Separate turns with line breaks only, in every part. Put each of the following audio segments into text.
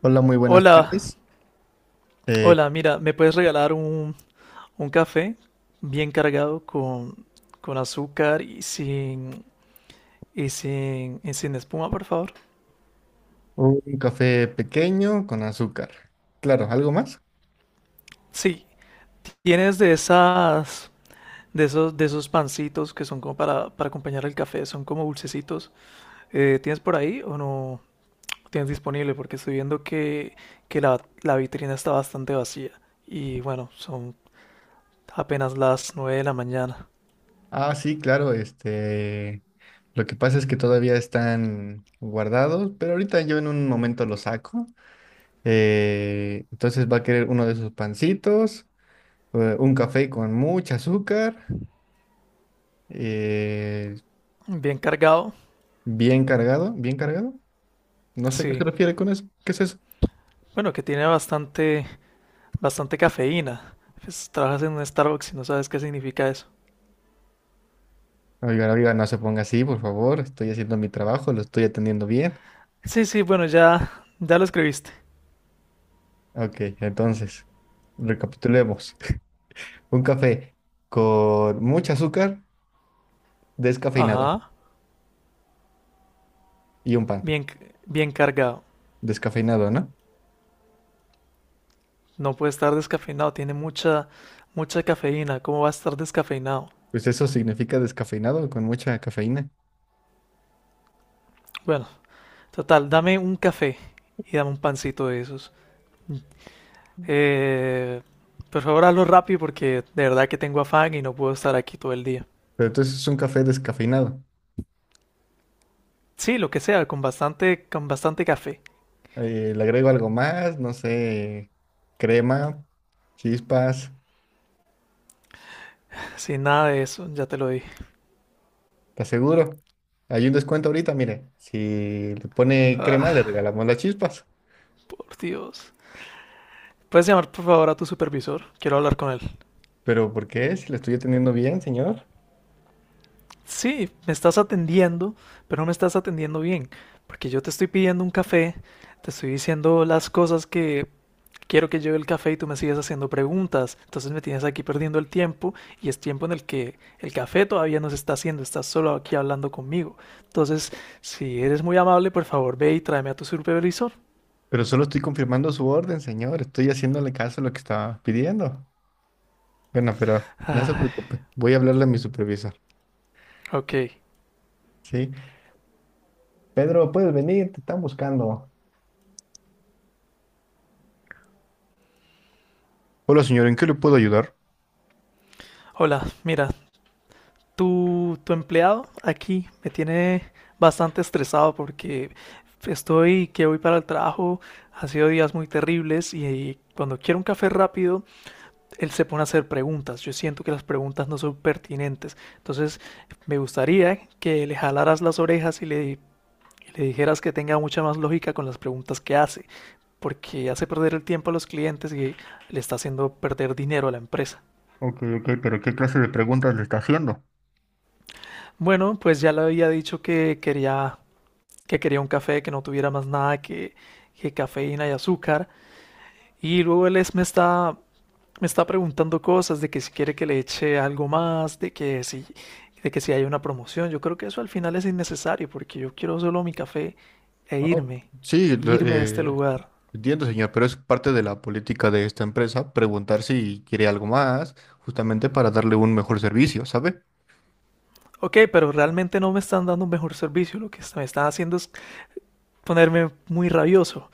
Hola, muy buenas
Hola,
tardes. Eh,
mira, ¿me puedes regalar un café bien cargado con azúcar y sin, y sin espuma, por favor?
un café pequeño con azúcar. Claro, ¿algo más?
Sí, tienes de esas, de esos pancitos que son como para acompañar el café, son como dulcecitos. ¿Tienes por ahí o no tienes disponible? Porque estoy viendo que la vitrina está bastante vacía. Y bueno, son apenas las 9 de la mañana.
Ah, sí, claro, lo que pasa es que todavía están guardados, pero ahorita yo en un momento los saco. Entonces va a querer uno de esos pancitos, un café con mucho azúcar, eh,
Bien cargado,
bien cargado, bien cargado. No sé a qué se
sí.
refiere con eso. ¿Qué es eso?
Bueno, que tiene bastante cafeína. Pues, trabajas en un Starbucks y no sabes qué significa eso.
Oiga, oiga, no se ponga así, por favor. Estoy haciendo mi trabajo, lo estoy atendiendo bien.
Sí, sí, bueno, ya lo escribiste.
Ok, entonces, recapitulemos. Un café con mucho azúcar, descafeinado,
Ajá,
y un pan,
bien, bien cargado.
descafeinado, ¿no?
No puede estar descafeinado, tiene mucha cafeína. ¿Cómo va a estar descafeinado?
Pues eso significa descafeinado, con mucha cafeína.
Bueno, total, dame un café y dame un pancito de esos. Eh, por favor, hazlo rápido porque de verdad que tengo afán y no puedo estar aquí todo el día.
Pero entonces es un café descafeinado.
Sí, lo que sea, con bastante café.
Le agrego algo más, no sé, crema, chispas,
Sin nada de eso, ya te lo dije.
te aseguro. Hay un descuento ahorita, mire, si le pone crema le
Ah,
regalamos las chispas.
por Dios. ¿Puedes llamar por favor a tu supervisor? Quiero hablar con él.
Pero ¿por qué? Si le estoy atendiendo bien, señor.
Sí, me estás atendiendo, pero no me estás atendiendo bien, porque yo te estoy pidiendo un café, te estoy diciendo las cosas que quiero que lleve el café y tú me sigues haciendo preguntas. Entonces me tienes aquí perdiendo el tiempo y es tiempo en el que el café todavía no se está haciendo, estás solo aquí hablando conmigo. Entonces, si eres muy amable, por favor ve y tráeme a tu supervisor.
Pero solo estoy confirmando su orden, señor. Estoy haciéndole caso a lo que estaba pidiendo. Bueno, pero no se
Ah,
preocupe. Voy a hablarle a mi supervisor.
ok.
Sí. Pedro, puedes venir, te están buscando. Hola, señor, ¿en qué le puedo ayudar?
Hola, mira, tu empleado aquí me tiene bastante estresado porque estoy que voy para el trabajo, ha sido días muy terribles y cuando quiero un café rápido, él se pone a hacer preguntas. Yo siento que las preguntas no son pertinentes. Entonces, me gustaría que le jalaras las orejas y le dijeras que tenga mucha más lógica con las preguntas que hace, porque hace perder el tiempo a los clientes y le está haciendo perder dinero a la empresa.
Ok, ok, pero ¿qué clase de preguntas le está haciendo?
Bueno, pues ya le había dicho que que quería un café que no tuviera más nada que cafeína y azúcar. Y luego me está preguntando cosas de que si quiere que le eche algo más, de que si hay una promoción. Yo creo que eso al final es innecesario porque yo quiero solo mi café e
Oh, sí,
irme de este lugar.
entiendo, señor, pero es parte de la política de esta empresa preguntar si quiere algo más, justamente para darle un mejor servicio, ¿sabe?
Ok, pero realmente no me están dando un mejor servicio. Lo que me están haciendo es ponerme muy rabioso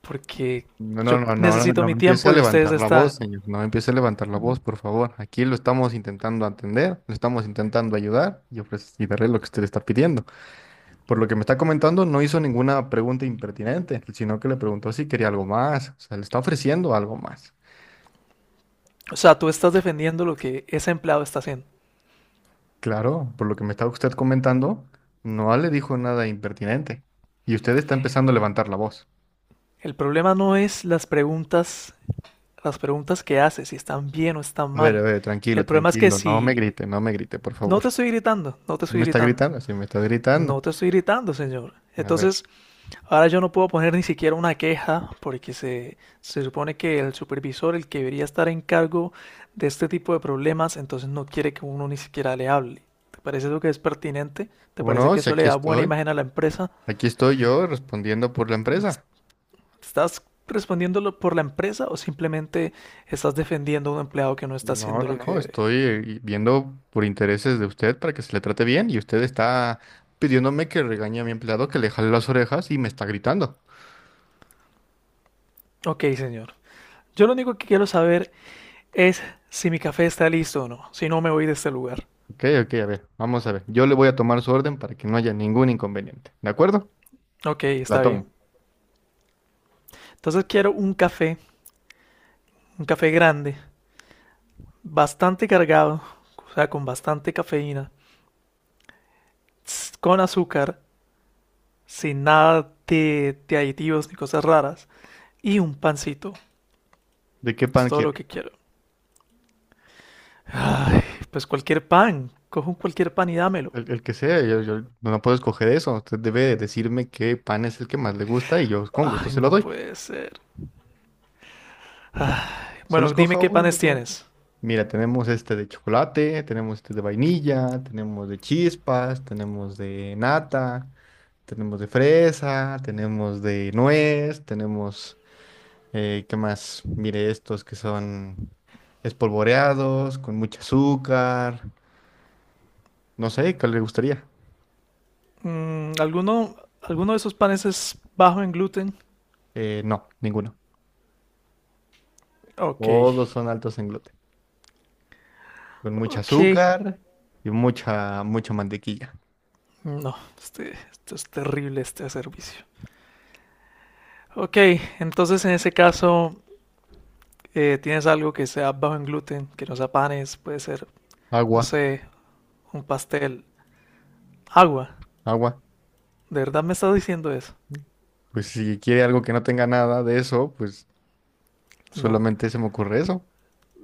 porque
No, no,
yo
no, no, no,
necesito
no
mi
empiece
tiempo
a
y
levantar la voz, señor. No empiece a levantar la voz, por favor. Aquí lo estamos intentando atender, lo estamos intentando ayudar y ofrecerle y darle lo que usted le está pidiendo. Por lo que me está comentando, no hizo ninguna pregunta impertinente, sino que le preguntó si quería algo más. O sea, le está ofreciendo algo más.
o sea, tú estás defendiendo lo que ese empleado está haciendo.
Claro, por lo que me está usted comentando, no le dijo nada impertinente. Y usted está empezando a levantar la voz.
El problema no es las preguntas que haces, si están bien o están mal.
A ver,
El
tranquilo,
problema es que
tranquilo. No me
si
grite, no me grite, por
no
favor.
te estoy gritando,
Si me está gritando, si me está gritando.
no te estoy gritando, señor.
A ver.
Entonces, ahora yo no puedo poner ni siquiera una queja porque se supone que el supervisor, el que debería estar en cargo de este tipo de problemas, entonces no quiere que uno ni siquiera le hable. ¿Te parece eso que es pertinente? ¿Te
¿Como
parece
no?
que
Si
eso le
aquí
da buena
estoy,
imagen a la empresa?
aquí estoy yo respondiendo por la empresa.
¿Estás respondiéndolo por la empresa o simplemente estás defendiendo a un empleado que no está
No,
haciendo
no,
lo que
no,
debe?
estoy viendo por intereses de usted para que se le trate bien y usted está pidiéndome que regañe a mi empleado, que le jale las orejas y me está gritando.
Ok, señor. Yo lo único que quiero saber es si mi café está listo o no. Si no, me voy de este lugar.
Ok, ok, a ver, vamos a ver. Yo le voy a tomar su orden para que no haya ningún inconveniente. ¿De acuerdo?
Ok,
La
está bien.
tomo.
Entonces quiero un café grande, bastante cargado, o sea, con bastante cafeína, con azúcar, sin nada de aditivos ni cosas raras, y un pancito.
¿De qué
Es
pan
todo lo
quiere?
que quiero. Ay, pues cualquier pan. Cojo un cualquier pan y dámelo.
El que sea, yo no puedo escoger eso. Usted debe decirme qué pan es el que más le gusta y yo con gusto
Ay,
se lo
no
doy.
puede ser.
Solo
Bueno, dime
escoja
qué
uno,
panes
por favor.
tienes.
Mira, tenemos este de chocolate, tenemos este de vainilla, tenemos de chispas, tenemos de nata, tenemos de fresa, tenemos de nuez, tenemos, ¿qué más? Mire, estos que son espolvoreados, con mucho azúcar. No sé, ¿cuál le gustaría?
Mm, ¿alguno de esos panes es bajo en gluten?
No, ninguno.
Ok,
Todos son altos en gluten, con mucho
ok.
azúcar y mucha, mucha mantequilla.
No, este, esto es terrible este servicio. Ok, entonces en ese caso, ¿tienes algo que sea bajo en gluten, que no sea panes? Puede ser, no
Agua,
sé, un pastel, agua.
agua.
¿De verdad me estás diciendo eso?
Pues si quiere algo que no tenga nada de eso,
No,
solamente se me ocurre eso,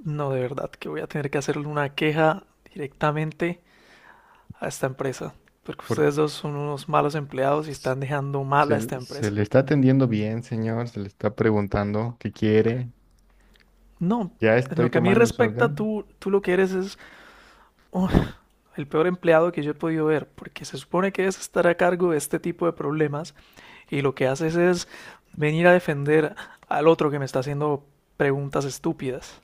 no, de verdad, que voy a tener que hacerle una queja directamente a esta empresa, porque
porque
ustedes dos son unos malos empleados y
s-
están dejando mal
se,
a esta
se
empresa.
le está atendiendo bien, señor, se le está preguntando qué quiere.
No,
Ya
en
estoy
lo que a mí
tomando su
respecta,
orden.
tú lo que eres es oh, el peor empleado que yo he podido ver, porque se supone que es estar a cargo de este tipo de problemas y lo que haces es venir a defender al otro que me está haciendo preguntas estúpidas.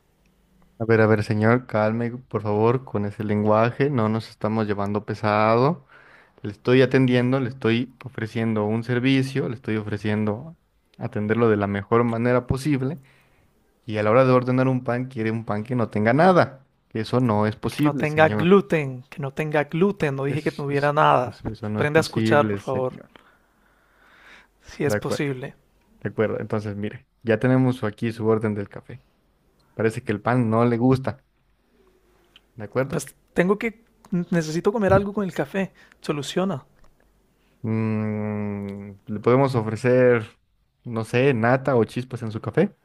A ver, señor, calme, por favor, con ese lenguaje, no nos estamos llevando pesado. Le estoy atendiendo, le estoy ofreciendo un servicio, le estoy ofreciendo atenderlo de la mejor manera posible. Y a la hora de ordenar un pan, quiere un pan que no tenga nada. Eso no es
Que no
posible,
tenga
señor.
gluten, que no tenga gluten, no dije que
Eso,
tuviera nada.
eso no es
Aprende a escuchar,
posible,
por favor,
señor.
si
De
es
acuerdo.
posible.
De acuerdo, entonces mire, ya tenemos aquí su orden del café. Parece que el pan no le gusta, ¿de acuerdo?
Pues tengo que, necesito comer algo con el café. Soluciona.
Mm, le podemos ofrecer, no sé, nata o chispas en su café.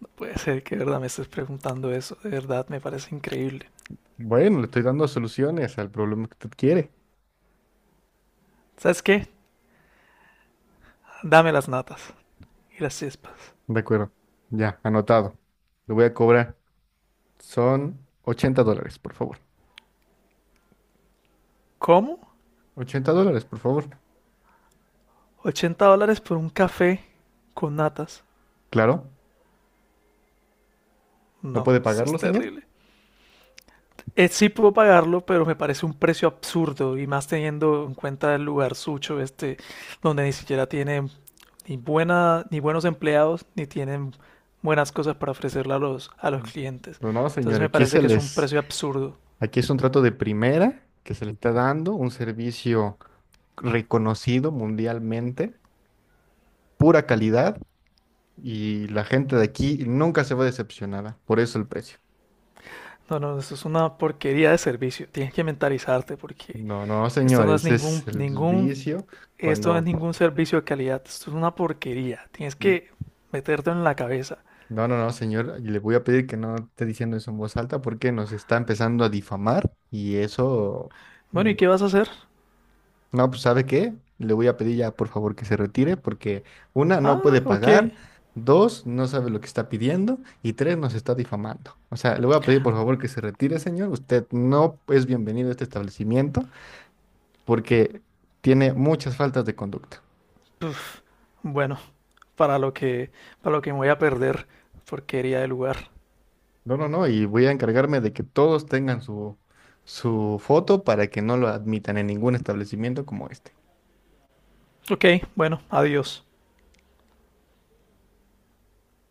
No puede ser que de verdad me estés preguntando eso. De verdad, me parece increíble.
Bueno, le estoy dando soluciones al problema que usted quiere.
¿Sabes qué? Dame las natas y las chispas.
De acuerdo, ya, anotado. Le voy a cobrar. Son $80, por favor.
¿Cómo?
$80, por favor.
¿80 dólares por un café con natas?
Claro, ¿no
No,
puede
eso es
pagarlo, señor?
terrible. Sí puedo pagarlo, pero me parece un precio absurdo y más teniendo en cuenta el lugar sucho este, donde ni siquiera tiene ni buena, ni buenos empleados, ni tienen buenas cosas para ofrecerle a los clientes.
No,
Entonces
señor,
me
aquí
parece
se
que es un
les.
precio absurdo.
Aquí es un trato de primera que se le está dando, un servicio reconocido mundialmente, pura calidad y la gente de aquí nunca se va decepcionada, por eso el precio.
No, no, eso es una porquería de servicio. Tienes que mentalizarte porque
No, no,
esto
señor,
no es
ese
ningún,
es el
ningún,
vicio
esto no es
cuando.
ningún servicio de calidad. Esto es una porquería. Tienes que meterte en la cabeza.
No, no, no, señor, le voy a pedir que no esté diciendo eso en voz alta porque nos está empezando a difamar y eso.
Bueno, ¿y qué vas a hacer?
No, pues ¿sabe qué? Le voy a pedir ya, por favor, que se retire porque una, no
Ah,
puede
ok.
pagar, dos, no sabe lo que está pidiendo y tres, nos está difamando. O sea, le voy a pedir, por favor, que se retire, señor. Usted no es bienvenido a este establecimiento porque tiene muchas faltas de conducta.
Uf, bueno, para lo que, para lo que me voy a perder, porquería de lugar.
No, no, no, y voy a encargarme de que todos tengan su, su foto para que no lo admitan en ningún establecimiento como este.
Ok, bueno, adiós.